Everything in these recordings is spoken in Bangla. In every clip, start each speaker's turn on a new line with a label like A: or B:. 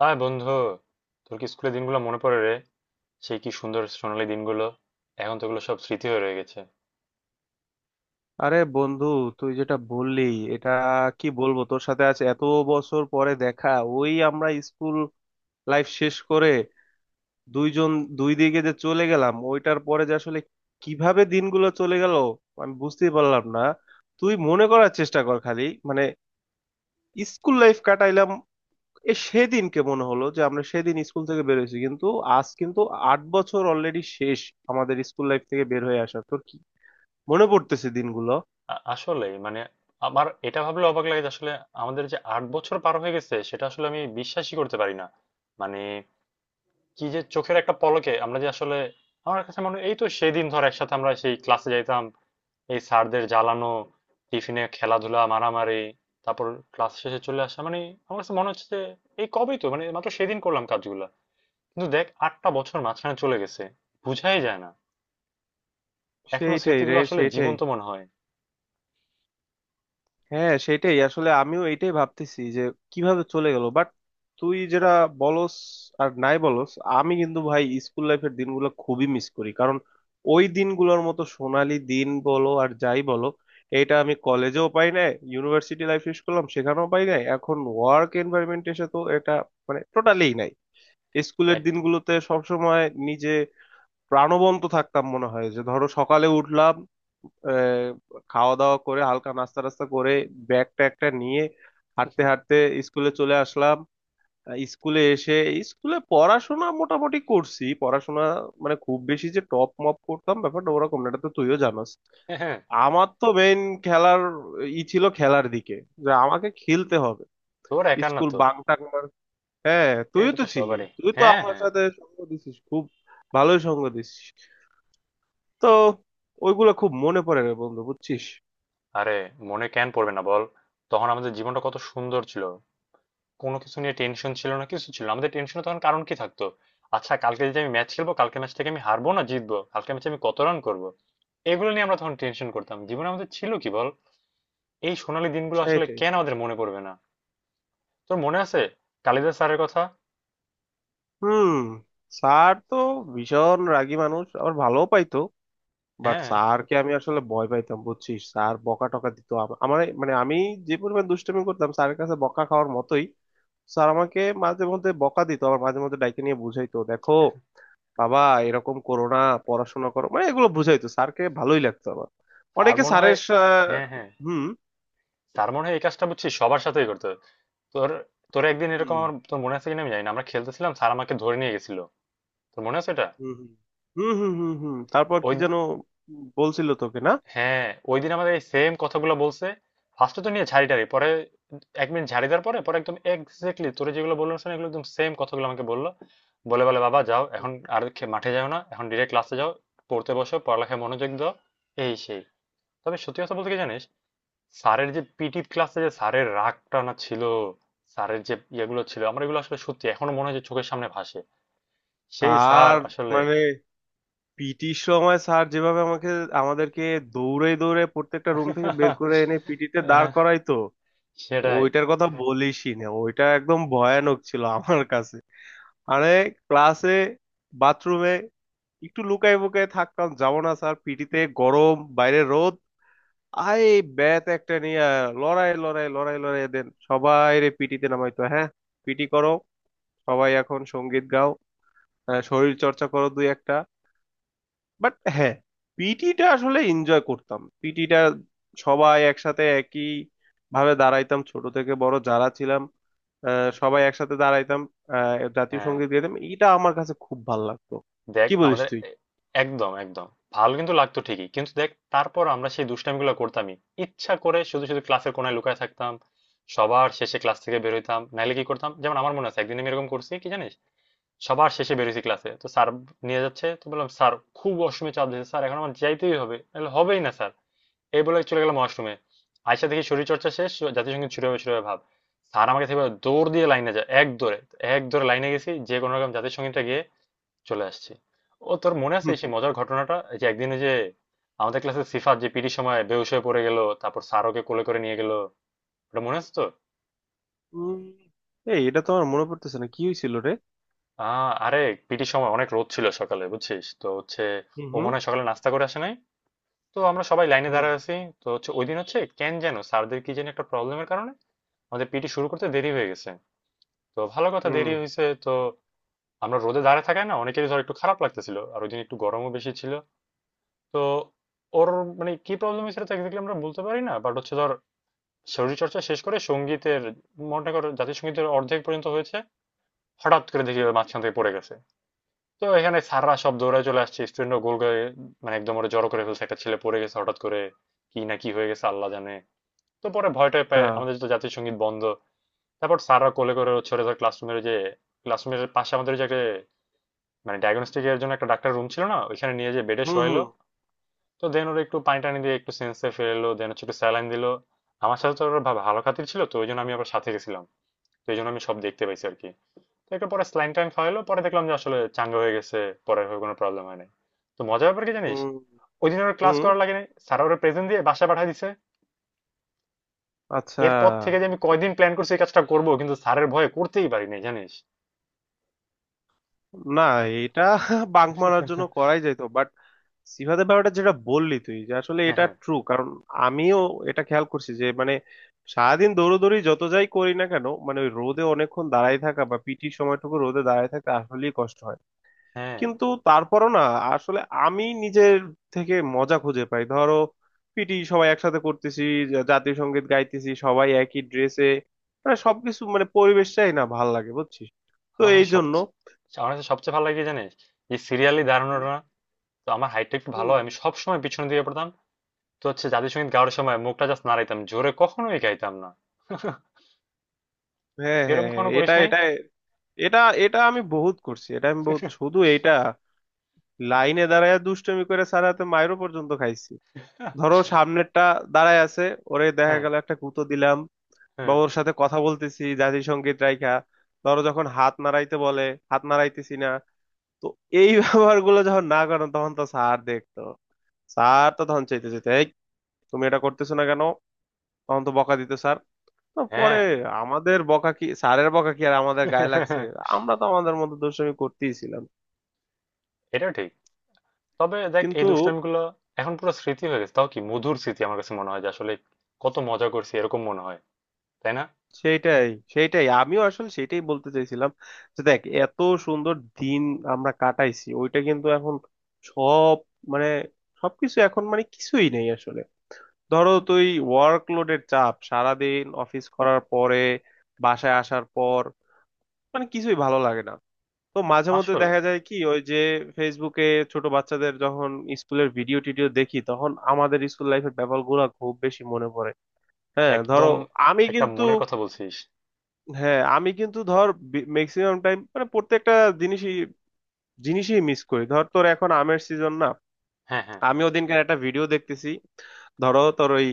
A: হাই বন্ধু, তোর কি স্কুলের দিনগুলো মনে পড়ে রে? সেই কি সুন্দর সোনালী দিনগুলো! এখন তো ওগুলো সব স্মৃতি হয়ে রয়ে গেছে।
B: আরে বন্ধু, তুই যেটা বললি এটা কি বলবো। তোর সাথে আজ এত বছর পরে দেখা। ওই আমরা স্কুল লাইফ শেষ করে দুইজন দুই দিকে যে চলে গেলাম ওইটার পরে যে আসলে কিভাবে দিনগুলো চলে গেল আমি বুঝতেই পারলাম না। তুই মনে করার চেষ্টা কর খালি। মানে স্কুল লাইফ কাটাইলাম, এ সেদিনকে মনে হলো যে আমরা সেদিন স্কুল থেকে বের হয়েছি, কিন্তু আজ কিন্তু 8 বছর অলরেডি শেষ আমাদের স্কুল লাইফ থেকে বের হয়ে আসা। তোর কি মনে পড়তেছে দিনগুলো?
A: আসলেই মানে, আমার এটা ভাবলে অবাক লাগে যে আসলে আমাদের যে 8 বছর পার হয়ে গেছে সেটা আসলে আমি বিশ্বাসই করতে পারি না। মানে কি, যে চোখের একটা পলকে আমরা যে আসলে, আমার কাছে মনে হয় এই তো সেদিন, ধর, একসাথে আমরা সেই ক্লাসে যাইতাম, এই স্যারদের জ্বালানো, টিফিনে খেলাধুলা মারামারি, তারপর ক্লাস শেষে চলে আসা। মানে আমার কাছে মনে হচ্ছে যে এই কবেই তো, মানে মাত্র সেদিন করলাম কাজগুলো, কিন্তু দেখ 8টা বছর মাঝখানে চলে গেছে, বুঝাই যায় না। এখনো
B: সেইটাই
A: স্মৃতিগুলো
B: রে,
A: আসলে
B: সেইটাই।
A: জীবন্ত মনে হয়।
B: হ্যাঁ, সেটাই আসলে, আমিও এটাই ভাবতেছি যে কিভাবে চলে গেল। বাট তুই যেটা বলস আর নাই বলস, আমি কিন্তু ভাই স্কুল লাইফের দিনগুলো খুবই মিস করি, কারণ ওই দিনগুলোর মতো সোনালি দিন বলো আর যাই বলো, এটা আমি কলেজেও পাই নাই, ইউনিভার্সিটি লাইফ শেষ করলাম সেখানেও পাই নাই, এখন ওয়ার্ক এনভায়রনমেন্ট এসে তো এটা মানে টোটালি নাই। স্কুলের
A: একদম।
B: দিনগুলোতে সবসময় নিজে প্রাণবন্ত থাকতাম। মনে হয় যে ধরো সকালে উঠলাম, আহ, খাওয়া দাওয়া করে হালকা নাস্তা টাস্তা করে ব্যাগ ট্যাগটা নিয়ে হাঁটতে হাঁটতে স্কুলে চলে আসলাম। স্কুলে এসে স্কুলে পড়াশোনা মোটামুটি করছি। পড়াশোনা মানে খুব বেশি যে টপ মপ করতাম ব্যাপারটা ওরকম না, এটা তো তুইও জানাস।
A: হ্যাঁ, হ্যাঁ।
B: আমার তো মেইন খেলার ই ছিল, খেলার দিকে যে আমাকে খেলতে হবে।
A: তোর একার না
B: স্কুল
A: তো।
B: বাং টাং মার- হ্যাঁ তুইও
A: এটা
B: তো
A: তো
B: ছিলি,
A: সবারই।
B: তুই তো
A: হ্যাঁ,
B: আমার
A: হ্যাঁ।
B: সাথে সঙ্গ দিছিস খুব, ভালোই সঙ্গ দিছিস। তো ওইগুলা খুব মনে পড়ে রে বন্ধু, বুঝছিস?
A: আরে, মনে কেন পড়বে না বল? তখন আমাদের জীবনটা কত সুন্দর ছিল, কোনো কিছু নিয়ে টেনশন ছিল না, কিছু ছিল না। আমাদের টেনশনে তখন কারণ কি থাকতো? আচ্ছা, কালকে যদি আমি ম্যাচ খেলবো, কালকে ম্যাচ থেকে আমি হারবো না জিতবো, কালকে ম্যাচে আমি কত রান করবো, এগুলো নিয়ে আমরা তখন টেনশন করতাম। জীবনে আমাদের ছিল কি বল? এই সোনালী দিনগুলো আসলে
B: সেটাই।
A: কেন আমাদের মনে পড়বে না? তোর মনে আছে কালিদাস স্যারের কথা?
B: হুম। স্যার তো ভীষণ রাগী মানুষ, আবার ভালো পাইতো। বাট
A: হ্যাঁ।
B: স্যারকে আমি আসলে ভয় পাইতাম বুঝছিস। স্যার বকা টকা দিত, আমার মানে আমি যে পরিমাণ দুষ্টামি করতাম স্যারের কাছে বকা খাওয়ার মতোই। স্যার আমাকে মাঝে মধ্যে বকা দিত, আবার মাঝে মধ্যে ডাইকে নিয়ে বুঝাইতো, দেখো বাবা এরকম করো না, পড়াশোনা করো, মানে এগুলো বুঝাইতো। স্যারকে ভালোই লাগতো আমার।
A: আর
B: অনেকে
A: মনে হয়,
B: স্যারের সা-
A: হ্যাঁ হ্যাঁ, তার মনে হয় এই কাজটা, বুঝছি, সবার সাথেই করতে হয়। তোর তোর একদিন এরকম,
B: হুম।
A: আমার, তোর মনে আছে কিনা আমি জানি না, আমরা খেলতেছিলাম স্যার আমাকে ধরে নিয়ে গেছিল, তোর মনে আছে এটা?
B: হুম হুম হুম হুম হুম হুম। তারপর
A: ওই
B: কি
A: দি-
B: যেন বলছিল তোকে না?
A: হ্যাঁ, ওই দিন আমাদের এই সেম কথাগুলো বলছে। ফার্স্টে তো নিয়ে ঝাড়িটারি, পরে 1 মিনিট ঝাড়ি দেওয়ার পরে, পরে একদম এক্স্যাক্টলি তোরে যেগুলো বললো, শোনা, এগুলো একদম সেম কথাগুলো আমাকে বললো। বলে বলে, বাবা যাও, এখন আর মাঠে যাও না, এখন ডিরেক্ট ক্লাসে যাও, পড়তে বসো, পড়ালেখায় মনোযোগ দাও, এই সেই। তবে সত্যি কথা বলতে কি জানিস, স্যারের যে পিটি ক্লাসে যে স্যারের রাগ টানা ছিল, স্যারের যে ইয়েগুলো ছিল, আমার এগুলো আসলে সত্যি এখনো মনে হয় যে চোখের সামনে ভাসে সেই স্যার
B: স্যার
A: আসলে।
B: মানে পিটির সময় স্যার যেভাবে আমাকে আমাদেরকে দৌড়ে দৌড়ে প্রত্যেকটা রুম থেকে বের করে এনে পিটিতে দাঁড়
A: হ্যাঁ,
B: করাইতো,
A: সেটাই।
B: ওইটার কথা বলিসই না, ওইটা একদম ভয়ানক ছিল আমার কাছে। আরে ক্লাসে, বাথরুমে একটু লুকাই বুকাই থাকতাম, যাবো না স্যার পিটিতে, গরম বাইরে রোদ। আয় ব্যাত একটা নিয়ে, লড়াই লড়াই লড়াই লড়াই দেন সবাই রে পিটিতে নামাইতো। হ্যাঁ পিটি করো, সবাই এখন সঙ্গীত গাও, শরীর চর্চা করো দুই একটা। বাট হ্যাঁ, পিটিটা আসলে এনজয় করতাম, পিটিটা সবাই একসাথে একই ভাবে দাঁড়াইতাম, ছোট থেকে বড় যারা ছিলাম, সবাই একসাথে দাঁড়াইতাম, জাতীয়
A: হ্যাঁ,
B: সঙ্গীত গাইতাম, এটা আমার কাছে খুব ভালো লাগতো।
A: দেখ
B: কি বলিস
A: আমাদের
B: তুই?
A: একদম, একদম ভালো কিন্তু লাগতো ঠিকই, কিন্তু দেখ তারপর আমরা সেই দুষ্টামিগুলো করতামই। ইচ্ছা করে শুধু শুধু ক্লাসের কোণায় লুকায় থাকতাম, সবার শেষে ক্লাস থেকে বের হইতাম, নাইলে কি করতাম। যেমন আমার মনে আছে একদিন আমি এরকম করছি কি জানিস, সবার শেষে বেরোইছি, ক্লাসে তো স্যার নিয়ে যাচ্ছে, তো বললাম, স্যার খুব অসময়ে চাপ দিয়েছে, স্যার এখন আমার যাইতেই হবে, নাহলে হবেই না স্যার। এই বলে চলে গেলাম ওয়াশরুমে, আয়সা দেখি শরীরচর্চা শেষ, জাতীয় সঙ্গীত শুরু হবে শুরু হবে ভাব। স্যার আমাকে থেকে দৌড় দিয়ে লাইনে যায়, এক দৌড়ে, এক দৌড়ে লাইনে গেছি, যে কোনো রকম জাতীয় সঙ্গীতটা গিয়ে চলে আসছি। ও, তোর মনে আছে সেই মজার ঘটনাটা, এই যে একদিন ওই যে আমাদের ক্লাসে সিফাত যে পিটির সময় বেহুশ হয়ে পড়ে গেল, তারপর স্যার ওকে কোলে করে নিয়ে গেল, ওটা মনে আছে তো?
B: উম, এই এটা তো আমার মনে পড়তেছে না কি হয়েছিল রে?
A: আরে, পিটির সময় অনেক রোদ ছিল সকালে, বুঝছিস তো হচ্ছে, ও
B: হুম
A: মনে হয় সকালে নাস্তা করে আসে নাই। তো আমরা সবাই লাইনে
B: হুম
A: দাঁড়ায় আছি, তো হচ্ছে ওই দিন হচ্ছে কেন যেন স্যারদের কি যেন একটা প্রবলেমের কারণে আমাদের পিটি শুরু করতে দেরি হয়ে গেছে। তো ভালো কথা,
B: হুম হুম।
A: দেরি হয়েছে তো আমরা রোদে দাঁড়ায় থাকায় না অনেকেরই, ধর, একটু খারাপ লাগতেছিল, আর ওই দিন একটু গরমও বেশি ছিল। তো ওর মানে কি প্রবলেম হয়েছিল তা এক্স্যাক্টলি আমরা বলতে পারি না, বাট হচ্ছে, ধর, শরীরচর্চা শেষ করে সঙ্গীতের, মনে করো জাতীয় সঙ্গীতের অর্ধেক পর্যন্ত হয়েছে, হঠাৎ করে দেখি ও মাঝখান থেকে পড়ে গেছে। তো এখানে স্যাররা সব দৌড়ায় চলে আসছে, স্টুডেন্টরা গোল করে, মানে একদম ওরা জড়ো করে ফেলছে, একটা ছেলে পড়ে গেছে হঠাৎ করে, কি না কি হয়ে গেছে আল্লাহ জানে। তো পরে ভয় টয়
B: আচ্ছা।
A: পেয়ে আমাদের তো জাতীয় সঙ্গীত বন্ধ। তারপর স্যাররা কোলে করে ছোটে ধরে ক্লাসরুমের পাশে আমাদের যে একটা, মানে ডায়াগনস্টিক এর জন্য একটা ডাক্তার রুম ছিল না, ওইখানে নিয়ে যে বেডে
B: হুম
A: শোয়াইলো।
B: হুম
A: তো দেন ওরা একটু পানি টানি দিয়ে একটু সেন্সে ফেরালো, দেন হচ্ছে একটু স্যালাইন দিলো। আমার সাথে তো ওরা ভালো খাতির ছিল, তো ওই জন্য আমি আবার সাথে গেছিলাম, তো এই জন্য আমি সব দেখতে পাইছি আর কি। তো একটা পরে স্যালাইন টাইন খাওয়াইলো, পরে দেখলাম যে আসলে চাঙ্গা হয়ে গেছে, পরে আর কোনো প্রবলেম হয় নাই। তো মজার ব্যাপার কি জানিস,
B: হুম
A: ওই দিন ওরা ক্লাস
B: হুম।
A: করার লাগে নাই, স্যার ওরা প্রেজেন্ট দিয়ে বাসায় পাঠিয়ে দিছে।
B: আচ্ছা।
A: এরপর থেকে যে আমি কয়দিন প্ল্যান করছি এই কাজটা করবো, কিন্তু স্যারের ভয়ে করতেই পারি নাই জানিস।
B: না, এটা বাঙ্ক মারার জন্য করাই যেত। বাট সিফাতের ব্যাপারটা যেটা বললি তুই, যে আসলে
A: হ্যাঁ,
B: এটা
A: হ্যাঁ,
B: ট্রু, কারণ আমিও এটা খেয়াল করছি যে মানে সারাদিন দৌড়োদৌড়ি যত যাই করি না কেন, মানে ওই রোদে অনেকক্ষণ দাঁড়ায় থাকা বা পিটির সময়টুকু রোদে দাঁড়ায় থাকতে আসলেই কষ্ট হয়।
A: হ্যাঁ।
B: কিন্তু তারপরও না, আসলে আমি নিজের থেকে মজা খুঁজে পাই। ধরো পিটি সবাই একসাথে করতেছি, জাতীয় সঙ্গীত গাইতেছি সবাই একই ড্রেসে, মানে সবকিছু মানে পরিবেশটাই না ভাল লাগে বুঝছিস। তো
A: আমার
B: এই
A: কাছে
B: জন্য
A: সবচেয়ে আমার কাছে সবচেয়ে ভালো লাগে কি জানিস, যে সিরিয়ালি
B: হুম
A: দাঁড়ানোটা না, তো আমার হাইটটা একটু
B: হুম
A: ভালো হয়, আমি
B: হুম।
A: সবসময় পিছনে দিয়ে পড়তাম। তো হচ্ছে জাতীয় সঙ্গীত গাওয়ার সময় মুখটা জাস্ট নাড়াইতাম, জোরে কখনোই গাইতাম না।
B: হ্যাঁ
A: এরকম
B: হ্যাঁ হ্যাঁ,
A: কখনো করিস
B: এটা
A: নাই?
B: এটা, এটা আমি বহুত করছি, এটা আমি বহুত, শুধু এইটা লাইনে দাঁড়ায় দুষ্টুমি করে স্যার হাতে মাইরও পর্যন্ত খাইছি। ধরো সামনেরটা দাঁড়ায় আছে, ওরে দেখা
A: হ্যাঁ,
B: গেল একটা কুতো দিলাম, বা
A: হ্যাঁ,
B: ওর সাথে কথা বলতেছি জাতিসংগীত রাইখা। ধরো যখন হাত নাড়াইতে বলে, হাত নাড়াইতেছি না। তো এই ব্যবহার গুলো যখন না করো তখন তো স্যার দেখতো। স্যার তো তখন চাইতে চাইতে, এই তুমি এটা করতেছো না কেন, তখন তো বকা দিত স্যার। তো পরে
A: হ্যাঁ।
B: আমাদের বকা কি, স্যারের বকা কি আর আমাদের গায়ে লাগছে। আমরা তো আমাদের মতো দুষ্টামি করতেই ছিলাম।
A: এটাও ঠিক। তবে দেখ এই
B: কিন্তু
A: দুষ্টামিগুলো এখন পুরো স্মৃতি হয়ে গেছে, তাও কি মধুর স্মৃতি। আমার কাছে মনে হয় যে আসলে কত মজা করছি, এরকম মনে হয়, তাই না?
B: সেইটাই, সেইটাই, আমিও আসলে সেটাই বলতে চাইছিলাম, যে দেখ এত সুন্দর দিন আমরা কাটাইছি, ওইটা কিন্তু এখন সব মানে সবকিছু এখন মানে কিছুই নেই আসলে। ধরো তুই ওয়ার্কলোডের চাপ, সারাদিন অফিস করার পরে বাসায় আসার পর মানে কিছুই ভালো লাগে না। তো মাঝে মধ্যে
A: আসলে
B: দেখা যায় কি, ওই যে ফেসবুকে ছোট বাচ্চাদের যখন স্কুলের ভিডিও টিডিও দেখি তখন আমাদের স্কুল লাইফের ব্যাপারগুলো খুব বেশি মনে পড়ে। হ্যাঁ ধরো,
A: একদম
B: আমি
A: একটা
B: কিন্তু,
A: মনের কথা বলছিস।
B: হ্যাঁ আমি কিন্তু ধর ম্যাক্সিমাম টাইম মানে প্রত্যেকটা জিনিসই জিনিসই মিস করি। ধর তোর এখন আমের সিজন না,
A: হ্যাঁ, হ্যাঁ,
B: আমি ওদিনকার একটা ভিডিও দেখতেছি। ধরো তোর ওই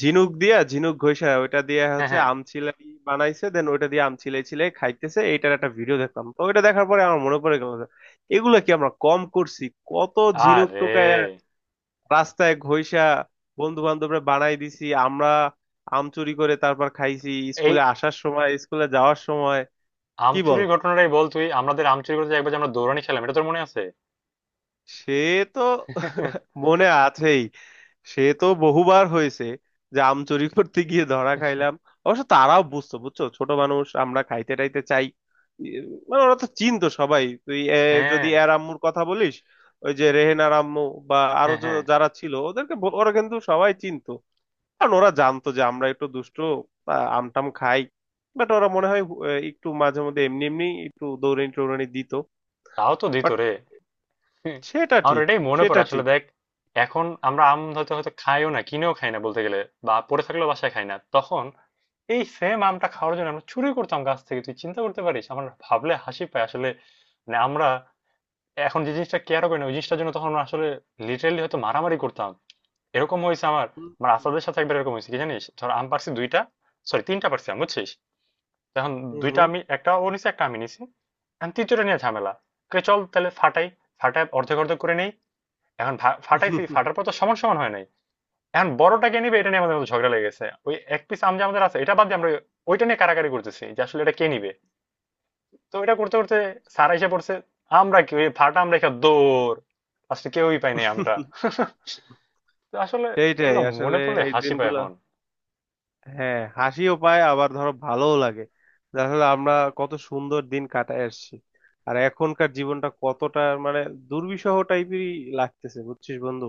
B: ঝিনুক দিয়া ঝিনুক ঘষা, ওইটা দিয়ে
A: হ্যাঁ,
B: হচ্ছে
A: হ্যাঁ।
B: আমচিলাই বানাইছে, দেন ওইটা দিয়ে আমচিলাই চিলাই খাইতেছে, এইটার একটা ভিডিও দেখলাম। তো ওইটা দেখার পরে আমার মনে পড়ে গেল যে, এগুলা কি আমরা কম করছি। কত ঝিনুক
A: আরে,
B: টোকায় রাস্তায় ঘষা বন্ধু বান্ধবরা বানাই দিছি আমরা, আম চুরি করে তারপর খাইছি
A: এই
B: স্কুলে আসার সময় স্কুলে যাওয়ার সময়।
A: আম
B: কি বল,
A: চুরির ঘটনাটাই বল, তুই আমাদের আম চুরি করতে একবার যে আমরা দৌড়ানি খেলাম এটা তোর মনে আছে?
B: সে তো মনে আছেই, সে তো বহুবার হয়েছে যে আম চুরি করতে গিয়ে ধরা খাইলাম। অবশ্য তারাও বুঝতো, বুঝছো ছোট মানুষ আমরা খাইতে টাইতে চাই। ই- মানে ওরা তো চিনতো সবাই, তুই যদি
A: হ্যাঁ,
B: এর আম্মুর কথা বলিস, ওই যে রেহেনার আম্মু, বা আরো
A: হ্যাঁ, হ্যাঁ।
B: যারা ছিল ওদেরকে ওরা কিন্তু সবাই চিনতো। কারণ ওরা জানতো যে আমরা একটু দুষ্ট, আমটাম খাই। বাট ওরা মনে হয় একটু মাঝে মধ্যে এমনি এমনি একটু দৌড়ানি টৌড়ানি দিত।
A: তাও তো দিত
B: বাট
A: রে।
B: সেটা
A: আমার
B: ঠিক,
A: এটাই মনে পড়ে
B: সেটা
A: আসলে,
B: ঠিক।
A: দেখ এখন আমরা আম হয়তো হয়তো খাইও না, কিনেও খাই না বলতে গেলে, বা পড়ে থাকলেও বাসায় খাই না, তখন এই সেম আমটা খাওয়ার জন্য আমরা চুরি করতাম গাছ থেকে, তুই চিন্তা করতে পারিস? আমার ভাবলে হাসি পায় আসলে। মানে আমরা এখন যে জিনিসটা কেয়ারও করি না, ওই জিনিসটার জন্য তখন আমরা আসলে লিটারেলি হয়তো মারামারি করতাম। এরকম হয়েছে আমার
B: হুম
A: আমার
B: হুম
A: আসাদের সাথে একবার এরকম হয়েছে কি জানিস, ধর আম পারছি দুইটা, সরি তিনটা পারছি আম বুঝছিস। এখন দুইটা, আমি একটা ও নিছে একটা আমি নিছি, এখন তৃতীয়টা নিয়ে ঝামেলা, কে, চল তাহলে ফাটাই, ফাটাই অর্ধেক অর্ধেক করে নেই। এখন
B: হুম,
A: ফাটাইছি,
B: হুম।
A: ফাটার পর তো সমান সমান হয় নাই, এখন বড়টাকে নিবে, এটা নিয়ে আমাদের মধ্যে ঝগড়া লেগেছে। ওই এক পিস আম যে আমাদের আছে এটা বাদ দিয়ে আমরা ওইটা নিয়ে কারাকারি করতেছি যে আসলে এটা কে নিবে। তো এটা করতে করতে স্যার এসে পড়ছে, আমরা কি ওই ফাটা আম রেখে দৌড়, আজকে কেউই পাই নাই আমটা। তো আসলে
B: সেইটাই
A: এগুলো মনে
B: আসলে,
A: পড়লে
B: এই
A: হাসি পায়
B: দিনগুলা।
A: এখন
B: হ্যাঁ হাসিও পায়, আবার ধরো ভালোও লাগে, যে আসলে আমরা কত সুন্দর দিন কাটায় আসছি, আর এখনকার জীবনটা কতটা মানে দুর্বিষহ টাইপেরই লাগতেছে বুঝছিস বন্ধু।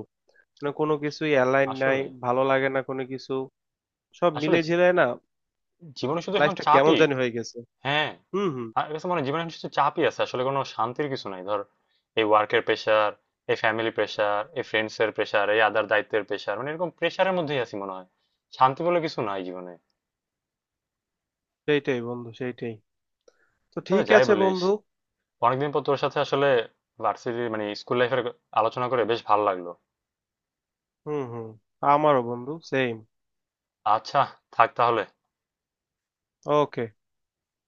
B: মানে কোনো কিছুই অ্যালাইন নাই,
A: আসলে।
B: ভালো লাগে না কোনো কিছু, সব
A: আসলে
B: মিলে ঝিলে না।
A: জীবনে শুধু এখন
B: লাইফটা কেমন
A: চাপই।
B: জানি হয়ে গেছে।
A: হ্যাঁ,
B: হুম হুম।
A: আমার কাছে মনে হয় জীবনে এখন শুধু চাপই আছে আসলে, কোনো শান্তির কিছু নাই। ধর এই ওয়ার্কের প্রেশার, এই ফ্যামিলি প্রেশার, এই ফ্রেন্ডস এর প্রেশার, এই আদার দায়িত্বের প্রেশার, মানে এরকম প্রেশারের মধ্যেই আছি মনে হয়, শান্তি বলে কিছু নাই জীবনে।
B: সেইটাই বন্ধু, সেইটাই। তো
A: তবে
B: ঠিক
A: যাই
B: আছে
A: বলিস,
B: বন্ধু।
A: অনেকদিন পর তোর সাথে আসলে ভার্সিটি মানে স্কুল লাইফের আলোচনা করে বেশ ভালো লাগলো।
B: হুম হুম। আমারও বন্ধু সেম।
A: আচ্ছা, থাক তাহলে।
B: ওকে।